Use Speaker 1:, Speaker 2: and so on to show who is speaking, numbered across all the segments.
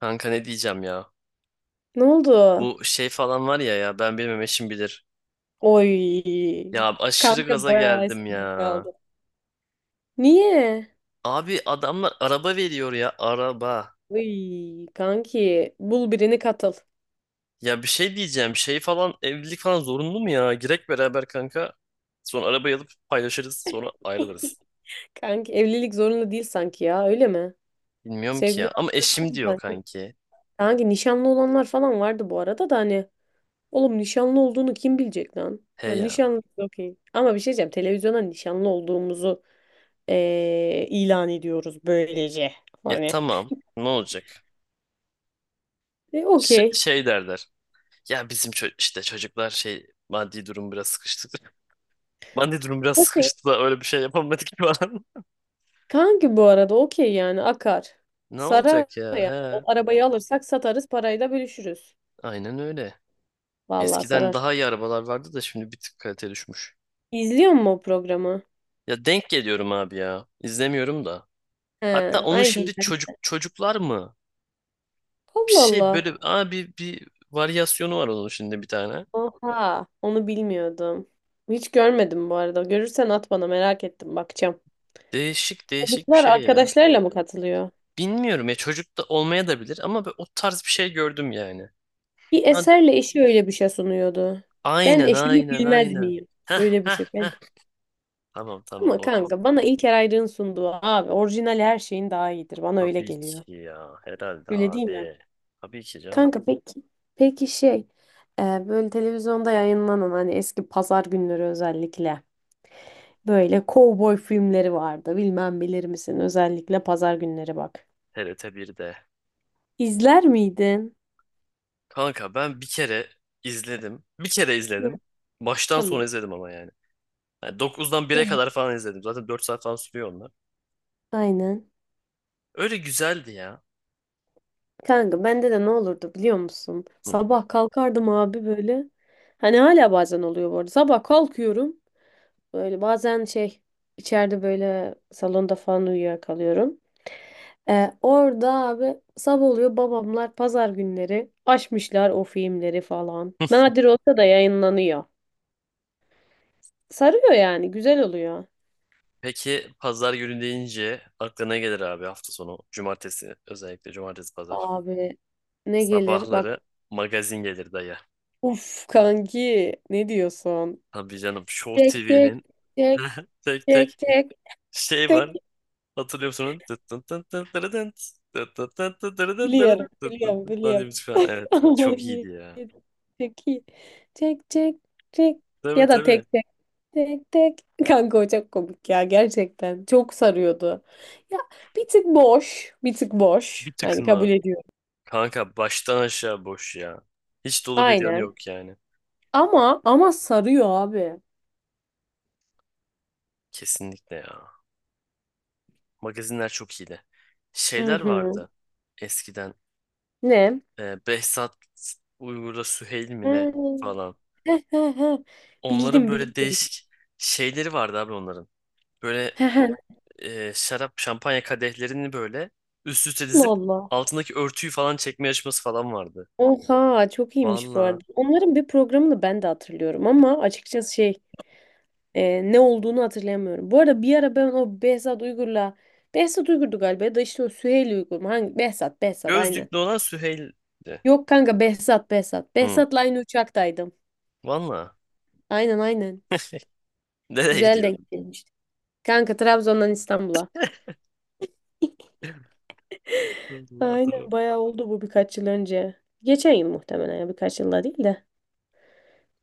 Speaker 1: Kanka ne diyeceğim ya?
Speaker 2: Ne oldu?
Speaker 1: Bu şey falan var ya, ya ben bilmem eşim bilir.
Speaker 2: Oy.
Speaker 1: Ya aşırı
Speaker 2: Kanka
Speaker 1: gaza
Speaker 2: bayağı
Speaker 1: geldim ya.
Speaker 2: eskide kaldı. Niye?
Speaker 1: Abi adamlar araba veriyor ya, araba.
Speaker 2: Oy kanki bul birini katıl.
Speaker 1: Ya bir şey diyeceğim, şey falan evlilik falan zorunlu mu ya? Girek beraber kanka. Sonra arabayı alıp paylaşırız, sonra ayrılırız.
Speaker 2: Kanki evlilik zorunda değil sanki ya öyle mi?
Speaker 1: Bilmiyorum ki
Speaker 2: Sevgili
Speaker 1: ya, ama
Speaker 2: olmaz
Speaker 1: eşim
Speaker 2: mı
Speaker 1: diyor
Speaker 2: sanki?
Speaker 1: kanki.
Speaker 2: Kanki nişanlı olanlar falan vardı bu arada da hani oğlum nişanlı olduğunu kim bilecek lan?
Speaker 1: He
Speaker 2: Hani
Speaker 1: ya.
Speaker 2: nişanlı okey. Ama bir şey diyeceğim televizyona nişanlı olduğumuzu ilan ediyoruz böylece.
Speaker 1: E
Speaker 2: Hani.
Speaker 1: tamam, ne olacak?
Speaker 2: E, okey.
Speaker 1: Şey derler. Ya bizim işte çocuklar şey, maddi durum biraz sıkıştı. Maddi durum biraz
Speaker 2: Okey.
Speaker 1: sıkıştı da öyle bir şey yapamadık falan.
Speaker 2: Kanki bu arada okey yani akar.
Speaker 1: Ne
Speaker 2: Sarar
Speaker 1: olacak ya?
Speaker 2: yani. O
Speaker 1: He,
Speaker 2: arabayı alırsak satarız parayı da bölüşürüz.
Speaker 1: aynen öyle.
Speaker 2: Vallahi
Speaker 1: Eskiden
Speaker 2: sarar.
Speaker 1: daha iyi arabalar vardı da şimdi bir tık kalite düşmüş.
Speaker 2: İzliyor musun o programı?
Speaker 1: Ya denk geliyorum abi ya. İzlemiyorum da.
Speaker 2: He,
Speaker 1: Hatta onun
Speaker 2: aynen
Speaker 1: şimdi
Speaker 2: ben.
Speaker 1: çocuklar mı? Bir
Speaker 2: Allah
Speaker 1: şey
Speaker 2: Allah.
Speaker 1: böyle abi, bir varyasyonu var onun şimdi bir tane.
Speaker 2: Oha, onu bilmiyordum. Hiç görmedim bu arada. Görürsen at bana merak ettim bakacağım.
Speaker 1: Değişik değişik bir
Speaker 2: Çocuklar
Speaker 1: şey ya.
Speaker 2: arkadaşlarıyla mı katılıyor?
Speaker 1: Bilmiyorum ya, çocuk da olmaya da bilir ama ben o tarz bir şey gördüm yani.
Speaker 2: Bir
Speaker 1: Hadi.
Speaker 2: eserle eşi öyle bir şey sunuyordu. Ben
Speaker 1: Aynen
Speaker 2: eşimi
Speaker 1: aynen
Speaker 2: bilmez
Speaker 1: aynen.
Speaker 2: miyim?
Speaker 1: Heh,
Speaker 2: Öyle bir
Speaker 1: heh,
Speaker 2: şey. Ben...
Speaker 1: heh. Tamam
Speaker 2: Ama
Speaker 1: odur.
Speaker 2: kanka bana İlker Ayrık'ın sunduğu abi orijinal her şeyin daha iyidir. Bana öyle
Speaker 1: Tabii
Speaker 2: geliyor.
Speaker 1: ki ya, herhalde
Speaker 2: Öyle değil mi?
Speaker 1: abi. Tabii ki canım.
Speaker 2: Kanka peki peki şey böyle televizyonda yayınlanan hani eski pazar günleri özellikle böyle kovboy filmleri vardı. Bilmem bilir misin özellikle pazar günleri bak.
Speaker 1: TRT 1'de.
Speaker 2: İzler miydin?
Speaker 1: Kanka ben bir kere izledim. Bir kere
Speaker 2: Hı,
Speaker 1: izledim. Baştan sona
Speaker 2: tamam.
Speaker 1: izledim ama yani. Yani 9'dan 1'e
Speaker 2: Evet.
Speaker 1: kadar falan izledim. Zaten 4 saat falan sürüyor onlar.
Speaker 2: Aynen.
Speaker 1: Öyle güzeldi ya.
Speaker 2: Kanka bende de ne olurdu biliyor musun?
Speaker 1: Hı.
Speaker 2: Sabah kalkardım abi böyle. Hani hala bazen oluyor bu arada. Sabah kalkıyorum. Böyle bazen şey içeride böyle salonda falan uyuyakalıyorum. Orada abi sabah oluyor babamlar pazar günleri açmışlar o filmleri falan. Nadir olsa da yayınlanıyor. Sarıyor yani güzel oluyor.
Speaker 1: Peki pazar günü deyince aklına ne gelir abi, hafta sonu. Cumartesi, özellikle cumartesi pazar.
Speaker 2: Abi ne gelir bak.
Speaker 1: Sabahları magazin gelir dayı.
Speaker 2: Uf kanki ne diyorsun?
Speaker 1: Tabii canım, Show
Speaker 2: Çek çek
Speaker 1: TV'nin
Speaker 2: çek
Speaker 1: tek tek
Speaker 2: çek çek
Speaker 1: şey
Speaker 2: çek.
Speaker 1: var. Hatırlıyor musunuz? Tıt tın tın tın tırı tın, tıt tın tın tın tırı tın tırı
Speaker 2: biliyorum
Speaker 1: tın, tıt tın
Speaker 2: biliyorum
Speaker 1: tın falan diye
Speaker 2: biliyorum.
Speaker 1: müzik falan. Evet,
Speaker 2: Ama
Speaker 1: çok iyiydi
Speaker 2: iyi.
Speaker 1: ya.
Speaker 2: İyi. Çek iyi. Çek çek. Çek.
Speaker 1: Tabii
Speaker 2: Ya da tek.
Speaker 1: tabii.
Speaker 2: Tek tek. Kanka o çok komik ya gerçekten. Çok sarıyordu. Ya bir tık boş. Bir tık
Speaker 1: Bir
Speaker 2: boş. Yani kabul
Speaker 1: tıkma.
Speaker 2: ediyorum.
Speaker 1: Kanka baştan aşağı boş ya. Hiç dolu bir yanı
Speaker 2: Aynen.
Speaker 1: yok yani.
Speaker 2: Ama sarıyor abi.
Speaker 1: Kesinlikle ya. Magazinler çok iyiydi.
Speaker 2: Hı
Speaker 1: Şeyler
Speaker 2: hı.
Speaker 1: vardı eskiden.
Speaker 2: Ne?
Speaker 1: Behzat uygurda Süheyl
Speaker 2: Hı.
Speaker 1: mi ne falan.
Speaker 2: Heh, heh, heh.
Speaker 1: Onların
Speaker 2: Bildim
Speaker 1: böyle
Speaker 2: bildim.
Speaker 1: değişik şeyleri vardı abi onların. Böyle
Speaker 2: Heh, heh.
Speaker 1: şarap, şampanya kadehlerini böyle üst üste
Speaker 2: Allah
Speaker 1: dizip
Speaker 2: Allah.
Speaker 1: altındaki örtüyü falan çekme yarışması falan vardı.
Speaker 2: Oha çok iyiymiş bu
Speaker 1: Valla.
Speaker 2: arada. Onların bir programını ben de hatırlıyorum ama açıkçası şey, ne olduğunu hatırlayamıyorum. Bu arada bir ara ben o Behzat Uygur'du galiba ya da işte o Süheyl Uygur mu? Hangi? Behzat aynen.
Speaker 1: Gözlüklü olan Süheyl'di.
Speaker 2: Yok kanka Behzat.
Speaker 1: Hı.
Speaker 2: Behzat'la aynı uçaktaydım.
Speaker 1: Valla.
Speaker 2: Aynen aynen.
Speaker 1: Nereye
Speaker 2: Güzel
Speaker 1: gidiyordun?
Speaker 2: denk gelmişti. Kanka Trabzon'dan İstanbul'a.
Speaker 1: Allah adam.
Speaker 2: Aynen bayağı oldu bu birkaç yıl önce. Geçen yıl muhtemelen ya birkaç yılda değil de.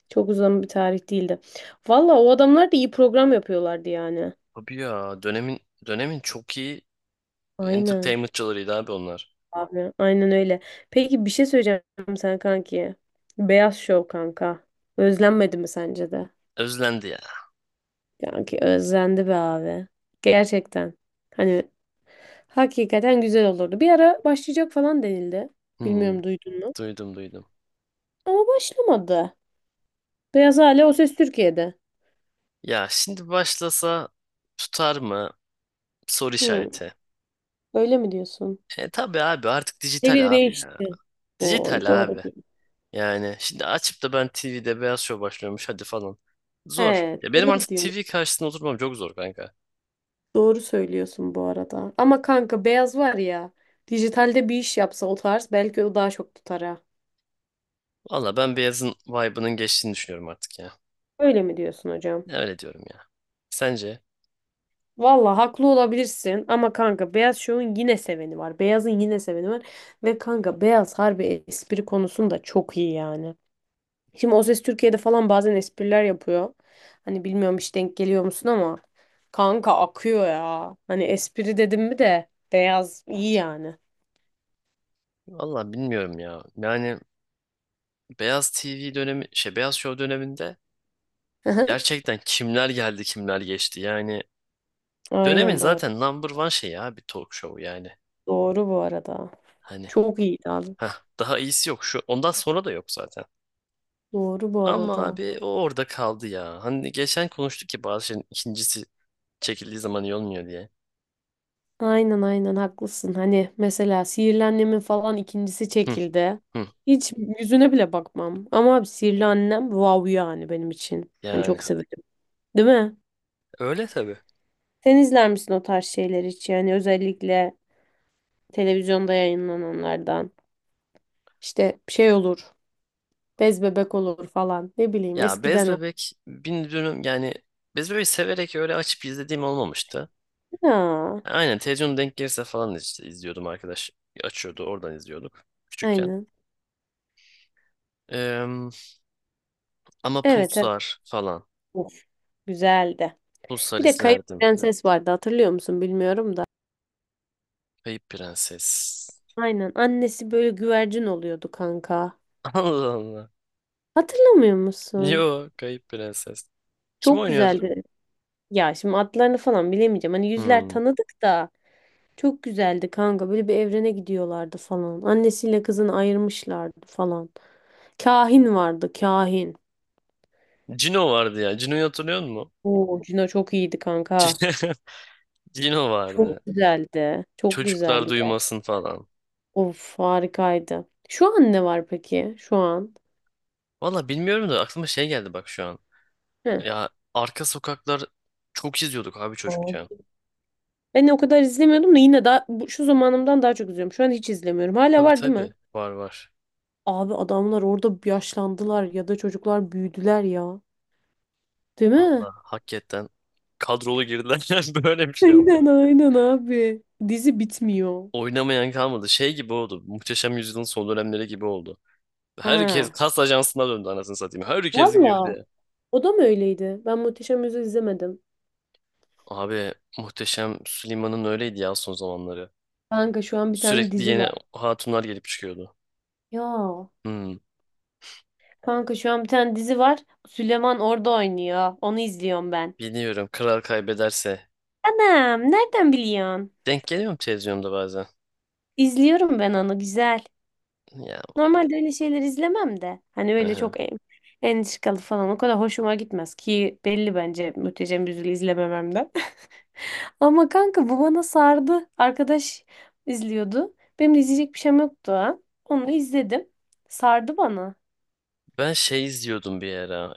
Speaker 2: Çok uzun bir tarih değildi. Valla o adamlar da iyi program yapıyorlardı yani.
Speaker 1: Abi ya, dönemin çok iyi
Speaker 2: Aynen
Speaker 1: entertainmentçılarıydı abi onlar.
Speaker 2: abi aynen öyle. Peki bir şey söyleyeceğim sana kanki. Beyaz Şov kanka. Özlenmedi mi sence de?
Speaker 1: Özlendi ya.
Speaker 2: Kanki özlendi be abi. Gerçekten. Hani hakikaten güzel olurdu. Bir ara başlayacak falan denildi.
Speaker 1: Hmm,
Speaker 2: Bilmiyorum duydun mu?
Speaker 1: duydum.
Speaker 2: Ama başlamadı. Beyaz Hale O Ses Türkiye'de.
Speaker 1: Ya şimdi başlasa tutar mı? Soru
Speaker 2: Hı,
Speaker 1: işareti.
Speaker 2: öyle mi diyorsun?
Speaker 1: E tabi abi, artık
Speaker 2: Devir
Speaker 1: dijital abi ya.
Speaker 2: değişti. Oy
Speaker 1: Dijital
Speaker 2: doğru
Speaker 1: abi.
Speaker 2: diyor.
Speaker 1: Yani şimdi açıp da ben TV'de Beyaz Şov başlıyormuş hadi falan. Zor.
Speaker 2: He,
Speaker 1: Ya benim
Speaker 2: doğru
Speaker 1: artık
Speaker 2: diyor.
Speaker 1: TV karşısında oturmam çok zor kanka.
Speaker 2: Doğru söylüyorsun bu arada. Ama kanka Beyaz var ya. Dijitalde bir iş yapsa o tarz belki o daha çok tutar ha.
Speaker 1: Valla ben Beyaz'ın vibe'ının geçtiğini düşünüyorum artık ya.
Speaker 2: Öyle mi diyorsun hocam?
Speaker 1: Öyle diyorum ya. Sence?
Speaker 2: Valla haklı olabilirsin ama kanka beyaz şovun yine seveni var. Beyazın yine seveni var. Ve kanka beyaz harbi espri konusunda çok iyi yani. Şimdi O Ses Türkiye'de falan bazen espriler yapıyor. Hani bilmiyorum hiç denk geliyor musun ama kanka akıyor ya. Hani espri dedim mi de beyaz iyi yani.
Speaker 1: Valla bilmiyorum ya. Yani Beyaz TV dönemi, şey, Beyaz Show döneminde gerçekten kimler geldi kimler geçti. Yani dönemin
Speaker 2: Aynen bu arada.
Speaker 1: zaten number one şeyi abi, talk show yani.
Speaker 2: Doğru bu arada.
Speaker 1: Hani
Speaker 2: Çok iyiydi abi.
Speaker 1: heh, daha iyisi yok şu, ondan sonra da yok zaten.
Speaker 2: Doğru bu
Speaker 1: Ama
Speaker 2: arada.
Speaker 1: abi o orada kaldı ya. Hani geçen konuştuk ki bazı şeyin ikincisi çekildiği zaman iyi olmuyor diye.
Speaker 2: Aynen aynen haklısın. Hani mesela Sihirli Annem'in falan ikincisi
Speaker 1: Hı,
Speaker 2: çekildi.
Speaker 1: hı.
Speaker 2: Hiç yüzüne bile bakmam. Ama abi Sihirli Annem wow yani benim için. Hani
Speaker 1: Yani
Speaker 2: çok severim. Değil mi?
Speaker 1: öyle tabii.
Speaker 2: Sen izler misin o tarz şeyler hiç? Yani özellikle televizyonda yayınlananlardan. İşte şey olur. Bez bebek olur falan. Ne bileyim
Speaker 1: Ya Bez
Speaker 2: eskiden o.
Speaker 1: Bebek bin dönüm yani, Bez Bebek'i severek öyle açıp izlediğim olmamıştı.
Speaker 2: Ya,
Speaker 1: Aynen, televizyonda denk gelirse falan işte izliyordum arkadaş. Açıyordu oradan izliyorduk küçükken.
Speaker 2: aynen.
Speaker 1: Eee, ama
Speaker 2: Evet evet.
Speaker 1: Pulsar falan.
Speaker 2: Of, güzeldi.
Speaker 1: Pulsar
Speaker 2: Bir de Kayıp
Speaker 1: izlerdim.
Speaker 2: Prenses vardı hatırlıyor musun bilmiyorum da.
Speaker 1: Kayıp Prenses.
Speaker 2: Aynen annesi böyle güvercin oluyordu kanka.
Speaker 1: Allah Allah.
Speaker 2: Hatırlamıyor musun?
Speaker 1: Yo, Kayıp Prenses. Kim
Speaker 2: Çok
Speaker 1: oynuyordu?
Speaker 2: güzeldi. Ya şimdi adlarını falan bilemeyeceğim. Hani yüzler
Speaker 1: Hmm.
Speaker 2: tanıdık da çok güzeldi kanka. Böyle bir evrene gidiyorlardı falan. Annesiyle kızını ayırmışlardı falan. Kahin vardı, kahin.
Speaker 1: Cino vardı ya. Cino'yu hatırlıyor musun?
Speaker 2: Oo, Cino çok iyiydi kanka.
Speaker 1: Cino vardı.
Speaker 2: Çok güzeldi. Çok
Speaker 1: Çocuklar
Speaker 2: güzeldi gerçekten.
Speaker 1: duymasın falan.
Speaker 2: Of harikaydı. Şu an ne var peki? Şu an.
Speaker 1: Valla bilmiyorum da, aklıma şey geldi bak şu an.
Speaker 2: Heh.
Speaker 1: Ya Arka Sokaklar çok izliyorduk abi
Speaker 2: Oo.
Speaker 1: çocukken.
Speaker 2: Ben o kadar izlemiyordum da yine daha, bu- şu zamanımdan daha çok izliyorum. Şu an hiç izlemiyorum. Hala
Speaker 1: Tabii
Speaker 2: var değil mi?
Speaker 1: tabii. Var.
Speaker 2: Abi adamlar orada yaşlandılar ya da çocuklar büyüdüler ya. Değil mi?
Speaker 1: Allah, hakikaten kadrolu girdiler yani, böyle bir şey var.
Speaker 2: Aynen aynen abi. Dizi bitmiyor.
Speaker 1: Oynamayan kalmadı. Şey gibi oldu. Muhteşem Yüzyıl'ın son dönemleri gibi oldu. Herkes
Speaker 2: Ha.
Speaker 1: kas ajansına döndü anasını satayım. Herkes
Speaker 2: Valla.
Speaker 1: girdi.
Speaker 2: O da mı öyleydi? Ben Muhteşem Yüzyıl izlemedim.
Speaker 1: Abi Muhteşem Süleyman'ın öyleydi ya son zamanları.
Speaker 2: Kanka şu an bir tane
Speaker 1: Sürekli
Speaker 2: dizi
Speaker 1: yeni
Speaker 2: var.
Speaker 1: hatunlar gelip çıkıyordu.
Speaker 2: Ya.
Speaker 1: Hmm,
Speaker 2: Kanka şu an bir tane dizi var. Süleyman orada oynuyor. Onu izliyorum ben.
Speaker 1: biliyorum, kral kaybederse.
Speaker 2: Anam nereden biliyorsun?
Speaker 1: Denk geliyorum televizyonda bazen.
Speaker 2: İzliyorum ben onu güzel.
Speaker 1: Ya,
Speaker 2: Normalde öyle şeyler izlemem de. Hani
Speaker 1: hı
Speaker 2: öyle
Speaker 1: hı.
Speaker 2: çok en, entrikalı falan o kadar hoşuma gitmez ki belli bence Muhteşem Yüzyıl'ı izlemememden. Ama kanka bu bana sardı. Arkadaş izliyordu. Benim de izleyecek bir şeyim yoktu ha. Onu izledim. Sardı bana.
Speaker 1: Ben şey izliyordum bir ara.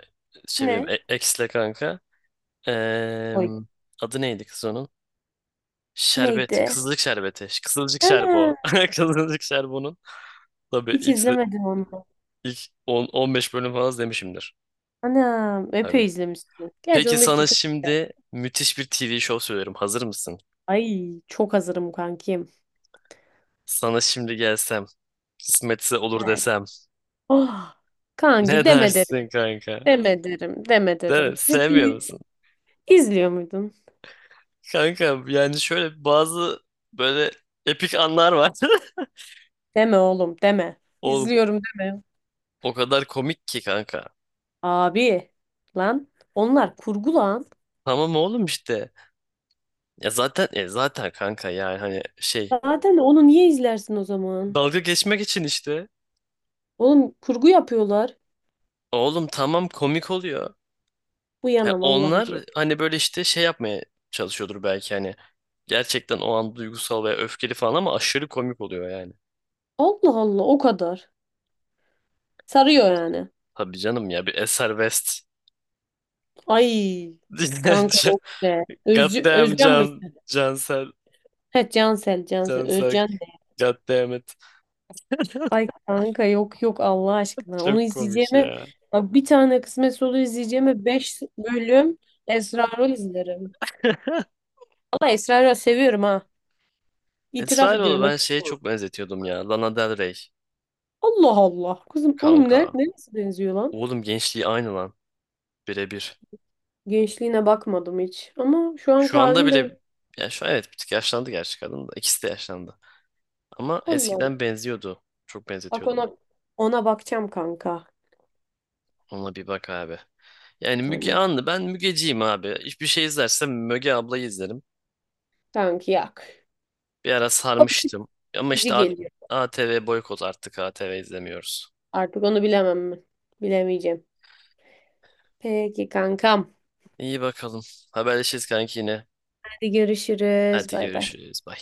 Speaker 1: Şey benim
Speaker 2: Ne?
Speaker 1: ex'le kanka. Eee,
Speaker 2: Oy.
Speaker 1: adı neydi kız onun? Şerbet.
Speaker 2: Neydi?
Speaker 1: Kızılcık şerbeti. Kızılcık
Speaker 2: Ana,
Speaker 1: şerbo. Kızılcık şerbonun. Tabii
Speaker 2: hiç
Speaker 1: ilk,
Speaker 2: izlemedim onu.
Speaker 1: ilk 10-15 bölüm falan izlemişimdir.
Speaker 2: Ana, epey
Speaker 1: Tabii.
Speaker 2: izlemişsin. Gerçi
Speaker 1: Peki
Speaker 2: 15'te
Speaker 1: sana
Speaker 2: çok güzel.
Speaker 1: şimdi müthiş bir TV show söylüyorum. Hazır mısın?
Speaker 2: Ay çok hazırım kankim.
Speaker 1: Sana şimdi gelsem. Kısmetse olur
Speaker 2: Yani.
Speaker 1: desem.
Speaker 2: Oh, kanki
Speaker 1: Ne
Speaker 2: deme derim.
Speaker 1: dersin kanka?
Speaker 2: Deme derim. Deme
Speaker 1: Değil
Speaker 2: derim.
Speaker 1: mi? Sevmiyor
Speaker 2: Ciddi.
Speaker 1: musun?
Speaker 2: İzliyor muydun?
Speaker 1: Kanka yani şöyle bazı böyle epik anlar var.
Speaker 2: Deme oğlum deme.
Speaker 1: Oğlum
Speaker 2: İzliyorum deme.
Speaker 1: o kadar komik ki kanka.
Speaker 2: Abi lan onlar kurgu lan.
Speaker 1: Tamam oğlum işte. Ya zaten kanka yani hani şey,
Speaker 2: Zaten onu niye izlersin o zaman?
Speaker 1: dalga geçmek için işte.
Speaker 2: Oğlum kurgu yapıyorlar.
Speaker 1: Oğlum tamam, komik oluyor.
Speaker 2: Bu
Speaker 1: Yani
Speaker 2: yana vallahi. De.
Speaker 1: onlar hani böyle işte şey yapmaya çalışıyordur belki hani. Gerçekten o an duygusal veya öfkeli falan ama aşırı komik oluyor yani.
Speaker 2: Allah Allah o kadar. Sarıyor yani.
Speaker 1: Tabii canım ya, bir Eser West.
Speaker 2: Ay kanka
Speaker 1: Dinlerce.
Speaker 2: yok be.
Speaker 1: God
Speaker 2: Özcü,
Speaker 1: damn
Speaker 2: Özcan mıydı?
Speaker 1: Can, Cansel,
Speaker 2: He Cansel Cansel
Speaker 1: Cansel.
Speaker 2: Özcan de.
Speaker 1: God damn it.
Speaker 2: Ay kanka yok yok Allah aşkına. Onu
Speaker 1: Çok komik
Speaker 2: izleyeceğime
Speaker 1: ya.
Speaker 2: bak bir tane kısmet solu izleyeceğime. 5 bölüm Esrarol izlerim. Valla Esra seviyorum ha. İtiraf
Speaker 1: Esraoğlu
Speaker 2: ediyorum
Speaker 1: ben
Speaker 2: açık.
Speaker 1: şeye çok benzetiyordum ya. Lana Del Rey.
Speaker 2: Allah Allah. Kızım oğlum ne?
Speaker 1: Kanka.
Speaker 2: Neresi benziyor lan?
Speaker 1: Oğlum gençliği aynı lan. Birebir.
Speaker 2: Gençliğine bakmadım hiç. Ama şu anki
Speaker 1: Şu anda
Speaker 2: halini ben...
Speaker 1: bile, ya şu an evet bir tık yaşlandı gerçi kadın da. İkisi de yaşlandı. Ama
Speaker 2: Allah Allah.
Speaker 1: eskiden benziyordu. Çok
Speaker 2: Bak
Speaker 1: benzetiyordum.
Speaker 2: ona, ona bakacağım kanka.
Speaker 1: Ona bir bak abi. Yani Müge
Speaker 2: Tamam.
Speaker 1: Anlı, ben Mügeciyim abi. Hiçbir şey izlersem Müge ablayı izlerim.
Speaker 2: Kanki yak.
Speaker 1: Bir ara
Speaker 2: O
Speaker 1: sarmıştım. Ama
Speaker 2: bakıcı
Speaker 1: işte
Speaker 2: geliyor.
Speaker 1: ATV boykot, artık ATV izlemiyoruz.
Speaker 2: Artık onu bilemem mi? Bilemeyeceğim. Peki kankam.
Speaker 1: İyi bakalım. Haberleşiriz kanki yine.
Speaker 2: Hadi görüşürüz.
Speaker 1: Hadi
Speaker 2: Bay bay.
Speaker 1: görüşürüz. Bye.